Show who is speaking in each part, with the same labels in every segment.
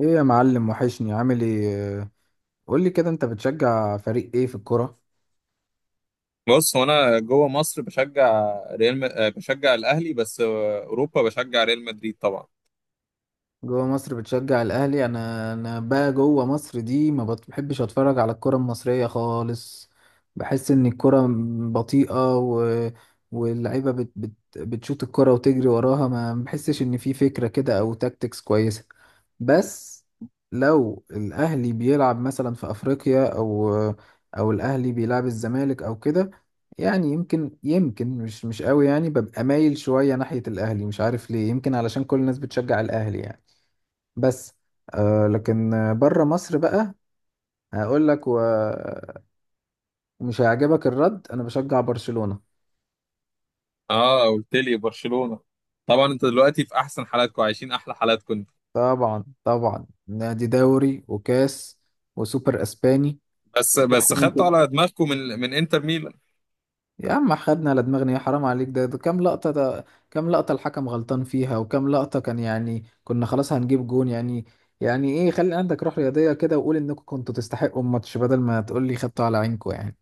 Speaker 1: ايه يا معلم، وحشني. عامل ايه؟ قول لي كده، انت بتشجع فريق ايه في الكرة؟
Speaker 2: بص، هو انا جوه مصر بشجع الاهلي، بس اوروبا بشجع ريال مدريد طبعا.
Speaker 1: جوه مصر بتشجع الاهلي. انا بقى جوه مصر دي ما بت- بحبش اتفرج على الكرة المصرية خالص. بحس ان الكرة بطيئة واللعيبة بتشوط الكرة وتجري وراها. ما بحسش ان في فكرة كده او تاكتكس كويسة. بس لو الاهلي بيلعب مثلا في افريقيا، او الاهلي بيلعب الزمالك او كده، يعني يمكن مش قوي، يعني ببقى مايل شوية ناحية الاهلي. مش عارف ليه، يمكن علشان كل الناس بتشجع الاهلي يعني. بس آه، لكن بره مصر بقى هقول لك، ومش هيعجبك الرد، انا بشجع برشلونة.
Speaker 2: اه، قلت لي برشلونة. طبعا انت دلوقتي في احسن حالاتكم، عايشين احلى حالاتكم انتوا.
Speaker 1: طبعا طبعا، نادي دوري وكاس وسوبر اسباني.
Speaker 2: بس
Speaker 1: مش
Speaker 2: بس
Speaker 1: احلى من
Speaker 2: خدتوا
Speaker 1: كده؟
Speaker 2: على دماغكم من انتر ميلان.
Speaker 1: يا عم خدنا على دماغنا، يا حرام عليك، ده كام لقطة ده؟ كام لقطة الحكم غلطان فيها؟ وكام لقطة كان يعني كنا خلاص هنجيب جون يعني؟ يعني ايه؟ خلي عندك روح رياضية كده، وقول انكم كنتوا تستحقوا الماتش، بدل ما تقول لي خدتوا على عينكم يعني.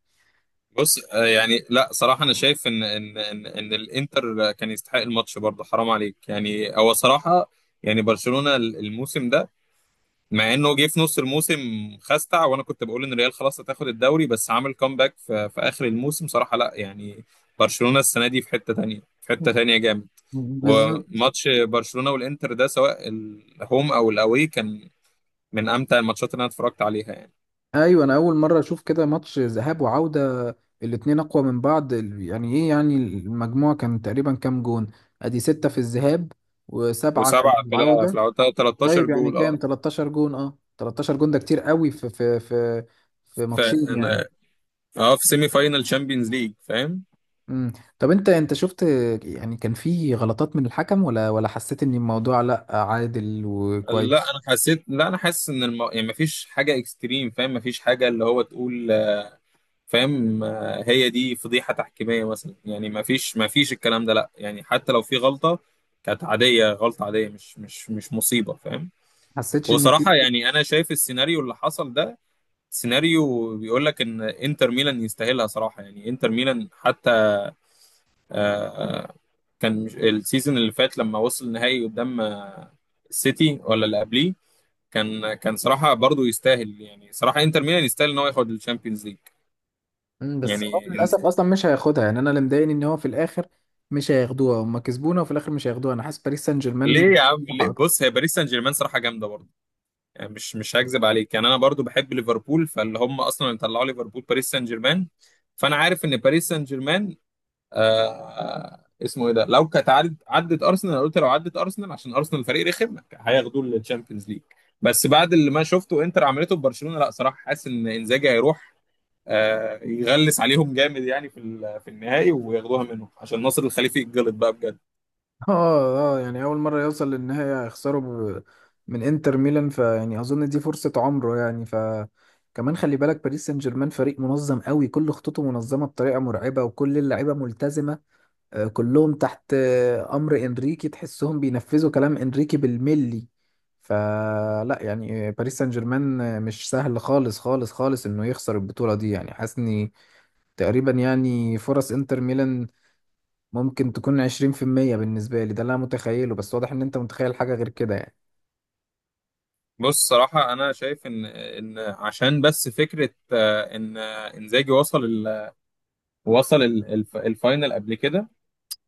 Speaker 2: بص، يعني لا، صراحة انا شايف إن الانتر كان يستحق الماتش برضه، حرام عليك. يعني هو صراحة، يعني برشلونة الموسم ده، مع انه جه في نص الموسم، خستع. وانا كنت بقول ان الريال خلاص هتاخد الدوري، بس عمل كومباك في اخر الموسم، صراحه لا يعني. برشلونه السنه دي في حته تانية، في حته تانية جامد.
Speaker 1: بالظبط.
Speaker 2: وماتش برشلونه والانتر ده، سواء الهوم او الاوي، كان من امتع الماتشات اللي انا اتفرجت عليها يعني.
Speaker 1: ايوه، انا اول مره اشوف كده ماتش ذهاب وعوده الاتنين اقوى من بعض. يعني ايه يعني، المجموع كان تقريبا كام جون؟ ادي ستة في الذهاب، وسبعة في
Speaker 2: وسبعه في
Speaker 1: العوده.
Speaker 2: العودة 13
Speaker 1: طيب يعني
Speaker 2: جول.
Speaker 1: كام؟
Speaker 2: اه
Speaker 1: 13 جون. اه، 13 جون ده كتير قوي في في
Speaker 2: في
Speaker 1: ماتشين يعني.
Speaker 2: اه في سيمي فاينال تشامبيونز ليج، فاهم.
Speaker 1: امم. طب انت شفت يعني كان في غلطات من الحكم، ولا حسيت ان الموضوع لا عادل وكويس؟
Speaker 2: لا انا حاسس ان يعني مفيش حاجه اكستريم، فاهم، مفيش حاجه اللي هو تقول، فاهم، هي دي فضيحة تحكيمية مثلا يعني. ما فيش الكلام ده، لا يعني، حتى لو في غلطة كانت عادية، غلطة عادية، مش مصيبة، فاهم.
Speaker 1: حسيتش ان في؟
Speaker 2: وصراحة يعني أنا شايف السيناريو اللي حصل ده، سيناريو بيقول لك إن إنتر ميلان يستاهلها صراحة. يعني إنتر ميلان حتى، آه، آه، كان مش- السيزون اللي فات لما وصل النهائي قدام السيتي ولا اللي قبليه، كان صراحة برضو يستاهل. يعني صراحة إنتر ميلان يستاهل إن هو ياخد الشامبيونز ليج
Speaker 1: بس هو
Speaker 2: يعني.
Speaker 1: للاسف اصلا مش هياخدها يعني. انا اللي مضايقني ان هو في الاخر مش هياخدوها. هم كسبونا وفي الاخر مش هياخدوها. انا حاسس باريس سان
Speaker 2: ليه
Speaker 1: جيرمان
Speaker 2: يا عم، ليه؟
Speaker 1: مصلحة اكتر.
Speaker 2: بص، هي باريس سان جيرمان صراحه جامده برضه. يعني مش هكذب عليك، يعني انا برضه بحب ليفربول، فاللي هم اصلا اللي طلعوا ليفربول باريس سان جيرمان، فانا عارف ان باريس سان جيرمان، اسمه ايه ده، لو كانت عدت ارسنال، أنا قلت لو عدت ارسنال عشان ارسنال فريق رخم هياخدوه للتشامبيونز ليج. بس بعد اللي ما شفته انتر عملته في برشلونه، لا صراحه حاسس ان انزاجي هيروح يغلس عليهم جامد، يعني في النهائي وياخدوها منهم عشان ناصر الخليفي يتجلط بقى بجد.
Speaker 1: اه، اه، يعني اول مره يوصل للنهايه هيخسروا ب... من انتر ميلان. فيعني اظن دي فرصه عمره يعني. ف كمان خلي بالك، باريس سان جيرمان فريق منظم قوي. كل خطوطه منظمه بطريقه مرعبه، وكل اللعيبه ملتزمه. كلهم تحت امر انريكي. تحسهم بينفذوا كلام انريكي بالملي. فلا يعني، باريس سان جيرمان مش سهل خالص خالص خالص انه يخسر البطولة دي. يعني حاسس اني تقريبا، يعني فرص انتر ميلان ممكن تكون 20% بالنسبة لي. ده اللي انا متخيله، بس واضح ان انت متخيل حاجة غير كده يعني.
Speaker 2: بص، صراحة أنا شايف إن عشان بس فكرة، إن إنزاجي وصل الفاينل قبل كده.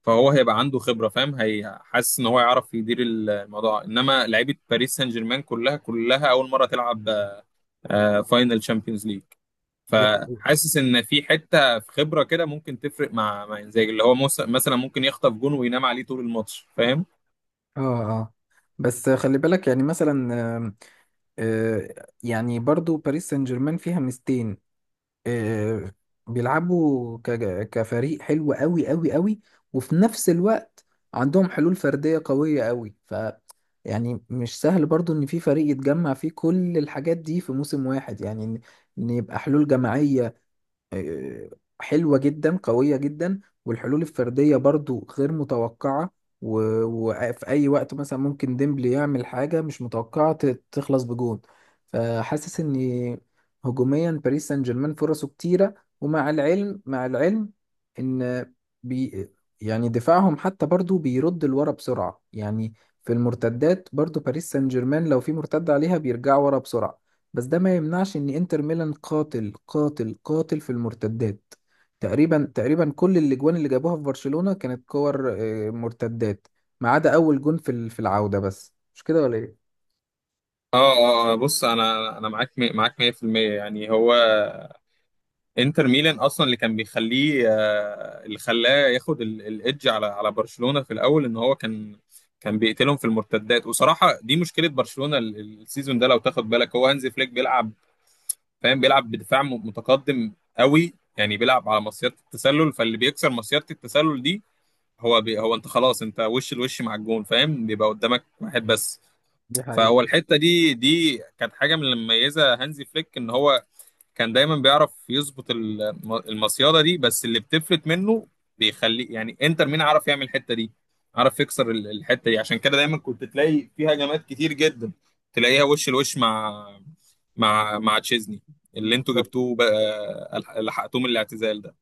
Speaker 2: فهو هيبقى عنده خبرة، فاهم، هي حاسس إن هو يعرف يدير الموضوع. إنما لعيبة باريس سان جيرمان كلها كلها أول مرة تلعب فاينل تشامبيونز ليج.
Speaker 1: دي حقيقة.
Speaker 2: فحاسس ان في حته، في خبره كده ممكن تفرق مع انزاجي، اللي هو مثلا ممكن يخطف جون وينام عليه طول الماتش، فاهم.
Speaker 1: اه، اه. بس خلي بالك يعني مثلا، آم، آه، يعني برضو باريس سان جيرمان فيها ميزتين. آه، بيلعبوا كفريق حلو قوي قوي قوي. وفي نفس الوقت عندهم حلول فردية قوية قوي. ف يعني مش سهل برضو ان في فريق يتجمع فيه كل الحاجات دي في موسم واحد. يعني إن يبقى حلول جماعية آه، حلوة جدا قوية جدا، والحلول الفردية برضو غير متوقعة. وفي أي وقت مثلا ممكن ديمبلي يعمل حاجة مش متوقعة تخلص بجون. فحاسس إن هجوميا باريس سان جيرمان فرصه كتيرة. ومع العلم إن بي يعني دفاعهم حتى برضو بيرد لورا بسرعة يعني. في المرتدات برضو باريس سان جيرمان لو في مرتدة عليها بيرجعوا ورا بسرعة. بس ده ما يمنعش ان انتر ميلان قاتل قاتل قاتل في المرتدات. تقريبا كل الاجوان اللي جابوها في برشلونة كانت كور مرتدات، ما عدا اول جون في في العودة. بس مش كده ولا ايه؟
Speaker 2: اه، اه، بص، انا معاك 100%. يعني هو انتر ميلان اصلا اللي كان بيخليه، اللي خلاه ياخد الايدج على برشلونه في الاول، ان هو كان، كان بيقتلهم في المرتدات. وصراحه دي مشكله برشلونه، السيزون ده لو تاخد بالك، هو هانزي فليك بيلعب، فاهم، بيلعب بدفاع متقدم قوي، يعني بيلعب على مصيده التسلل. فاللي بيكسر مصيده التسلل دي، هو انت خلاص، انت وش لوش مع الجون، فاهم، بيبقى قدامك واحد بس.
Speaker 1: دي حقيقة.
Speaker 2: فهو الحته دي كانت حاجه من اللي مميزه هانزي فليك، ان هو كان دايما بيعرف يظبط المصيادة دي، بس اللي بتفلت منه بيخليه. يعني انتر ميامي عرف يعمل الحتة دي، عرف يكسر الحتة دي، عشان كده دايما كنت تلاقي فيها هجمات كتير جدا، تلاقيها وش لوش مع مع تشيزني اللي انتوا
Speaker 1: بالظبط.
Speaker 2: جبتوه بقى، لحقتوه من الاعتزال ده.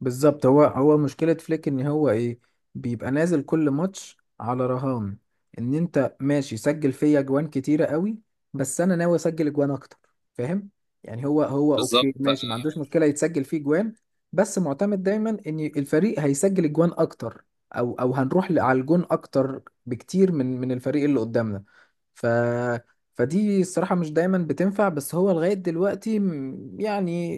Speaker 1: بالظبط، هو مشكلة فليك ان هو ايه؟ بيبقى نازل كل ماتش على رهان ان انت ماشي سجل فيا اجوان كتيرة قوي، بس انا ناوي اسجل اجوان اكتر، فاهم؟ يعني هو
Speaker 2: بالظبط.
Speaker 1: اوكي، ماشي، ما عندوش مشكلة يتسجل فيه اجوان، بس معتمد دايما ان الفريق هيسجل اجوان اكتر، او هنروح على الجون اكتر بكتير من الفريق اللي قدامنا. ف فدي الصراحة مش دايما بتنفع، بس هو لغاية دلوقتي يعني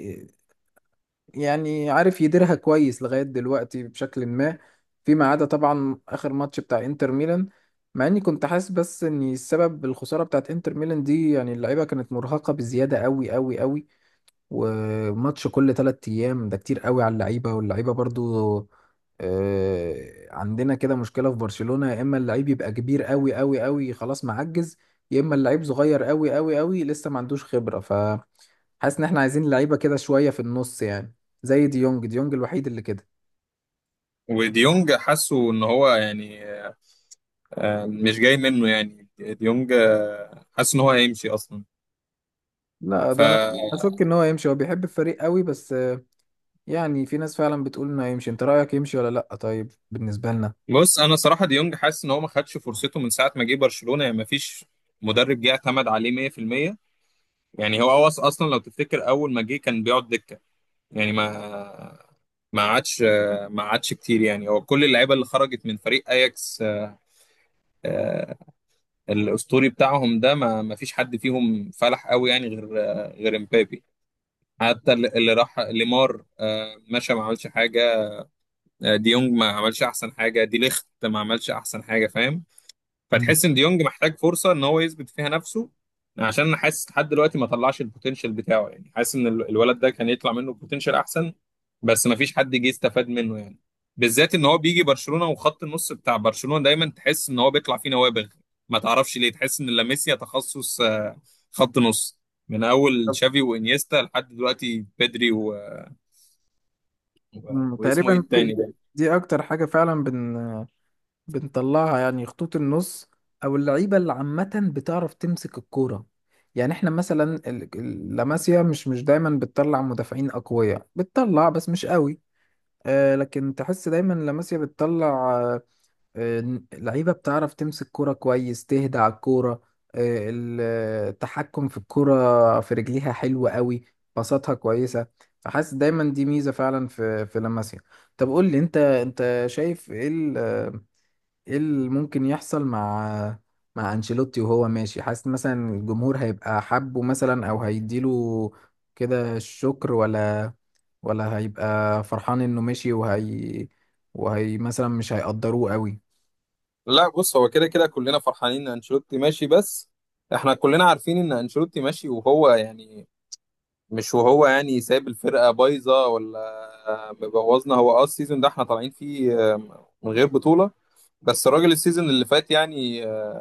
Speaker 1: يعني عارف يديرها كويس لغاية دلوقتي بشكل ما، فيما عدا طبعا آخر ماتش بتاع انتر ميلان. مع اني كنت حاسس بس ان السبب الخسارة بتاعت انتر ميلان دي، يعني اللعيبة كانت مرهقة بزيادة قوي قوي قوي. وماتش كل 3 ايام ده كتير قوي على اللعيبة. واللعيبة برضو عندنا كده مشكلة في برشلونة، يا اما اللعيب يبقى كبير قوي قوي قوي خلاص معجز، يا اما اللعيب صغير قوي قوي قوي لسه ما عندوش خبرة. ف حاسس ان احنا عايزين لعيبه كده شويه في النص يعني، زي ديونج. ديونج الوحيد اللي كده.
Speaker 2: وديونج حاسه ان هو يعني مش جاي منه، يعني ديونج حاسس ان هو هيمشي اصلا.
Speaker 1: لا،
Speaker 2: ف
Speaker 1: ده انا اشك ان هو يمشي. هو بيحب الفريق قوي، بس يعني في ناس فعلا بتقول انه هيمشي. انت رايك يمشي ولا لا؟ طيب بالنسبه لنا.
Speaker 2: بص، انا صراحه ديونج حاسس ان هو ما خدش فرصته من ساعه ما جه برشلونه، يعني ما فيش مدرب جه اعتمد عليه 100%. يعني هو أوص اصلا، لو تفتكر اول ما جه كان بيقعد دكه، يعني ما عادش ما عادش كتير. يعني هو كل اللعيبه اللي خرجت من فريق اياكس آه، الاسطوري بتاعهم ده، ما فيش حد فيهم فلح قوي يعني، غير امبابي. حتى اللي راح ليمار مشى ما عملش حاجه. ديونج ما عملش احسن حاجه، دي ليخت ما عملش احسن حاجه، فاهم.
Speaker 1: مم.
Speaker 2: فتحس ان ديونج محتاج فرصه ان هو يثبت فيها نفسه، عشان انا حاسس لحد دلوقتي ما طلعش البوتنشال بتاعه. يعني حاسس ان الولد ده كان يطلع منه بوتنشال احسن، بس ما فيش حد جه استفاد منه يعني. بالذات ان هو بيجي برشلونه، وخط النص بتاع برشلونه دايما تحس ان هو بيطلع فيه نوابغ، ما تعرفش ليه. تحس ان لاماسيا تخصص خط نص، من اول
Speaker 1: طب
Speaker 2: تشافي وانيستا لحد دلوقتي بيدري واسمه ايه
Speaker 1: تقريبا
Speaker 2: التاني ده.
Speaker 1: دي اكتر حاجه فعلا بنطلعها يعني، خطوط النص او اللعيبه اللي عامه بتعرف تمسك الكوره. يعني احنا مثلا لاماسيا مش دايما بتطلع مدافعين اقوياء. بتطلع بس مش قوي، لكن تحس دايما لاماسيا بتطلع آه، لعيبة بتعرف تمسك كرة كويس، تهدى على الكورة. التحكم في الكرة في رجليها حلو قوي، باصاتها كويسة. فحاسس دايما دي ميزة فعلا في لاماسيا. طب قول لي انت شايف ايه ايه اللي ممكن يحصل مع انشيلوتي وهو ماشي؟ حاسس مثلا الجمهور هيبقى حبه، مثلا او هيديله كده الشكر، ولا هيبقى فرحان انه مشي، وهي مثلا مش هيقدروه قوي؟
Speaker 2: لا، بص، هو كده كده كلنا فرحانين ان انشيلوتي ماشي. بس احنا كلنا عارفين ان انشيلوتي ماشي، وهو يعني مش، وهو يعني سايب الفرقه بايظه ولا مبوظنا. هو، السيزون ده احنا طالعين فيه من غير بطوله، بس الراجل السيزون اللي فات يعني،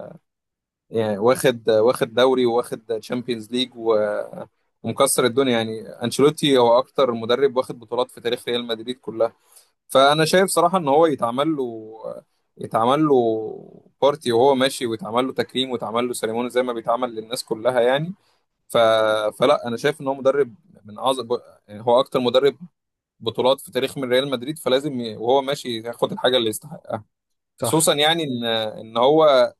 Speaker 2: يعني واخد دوري، وواخد تشامبيونز ليج، ومكسر الدنيا. يعني انشيلوتي هو اكتر مدرب واخد بطولات في تاريخ ريال مدريد كلها. فانا شايف صراحه ان هو يتعمل له بارتي وهو ماشي، ويتعمل له تكريم، ويتعمل له سيريموني زي ما بيتعمل للناس كلها يعني. ف... فلا انا شايف ان هو مدرب من اعظم، يعني هو اكتر مدرب بطولات في تاريخ من ريال مدريد، فلازم وهو ماشي ياخد الحاجه اللي يستحقها.
Speaker 1: صح.
Speaker 2: خصوصا يعني ان هو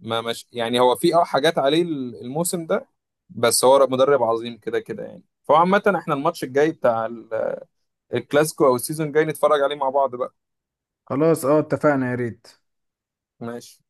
Speaker 2: ما مش يعني هو في حاجات عليه الموسم ده، بس هو مدرب عظيم كده كده يعني. فعامة احنا الماتش الجاي بتاع الكلاسيكو، او السيزون الجاي، نتفرج عليه مع بعض بقى.
Speaker 1: خلاص، اه، اتفقنا، يا ريت.
Speaker 2: ماشي.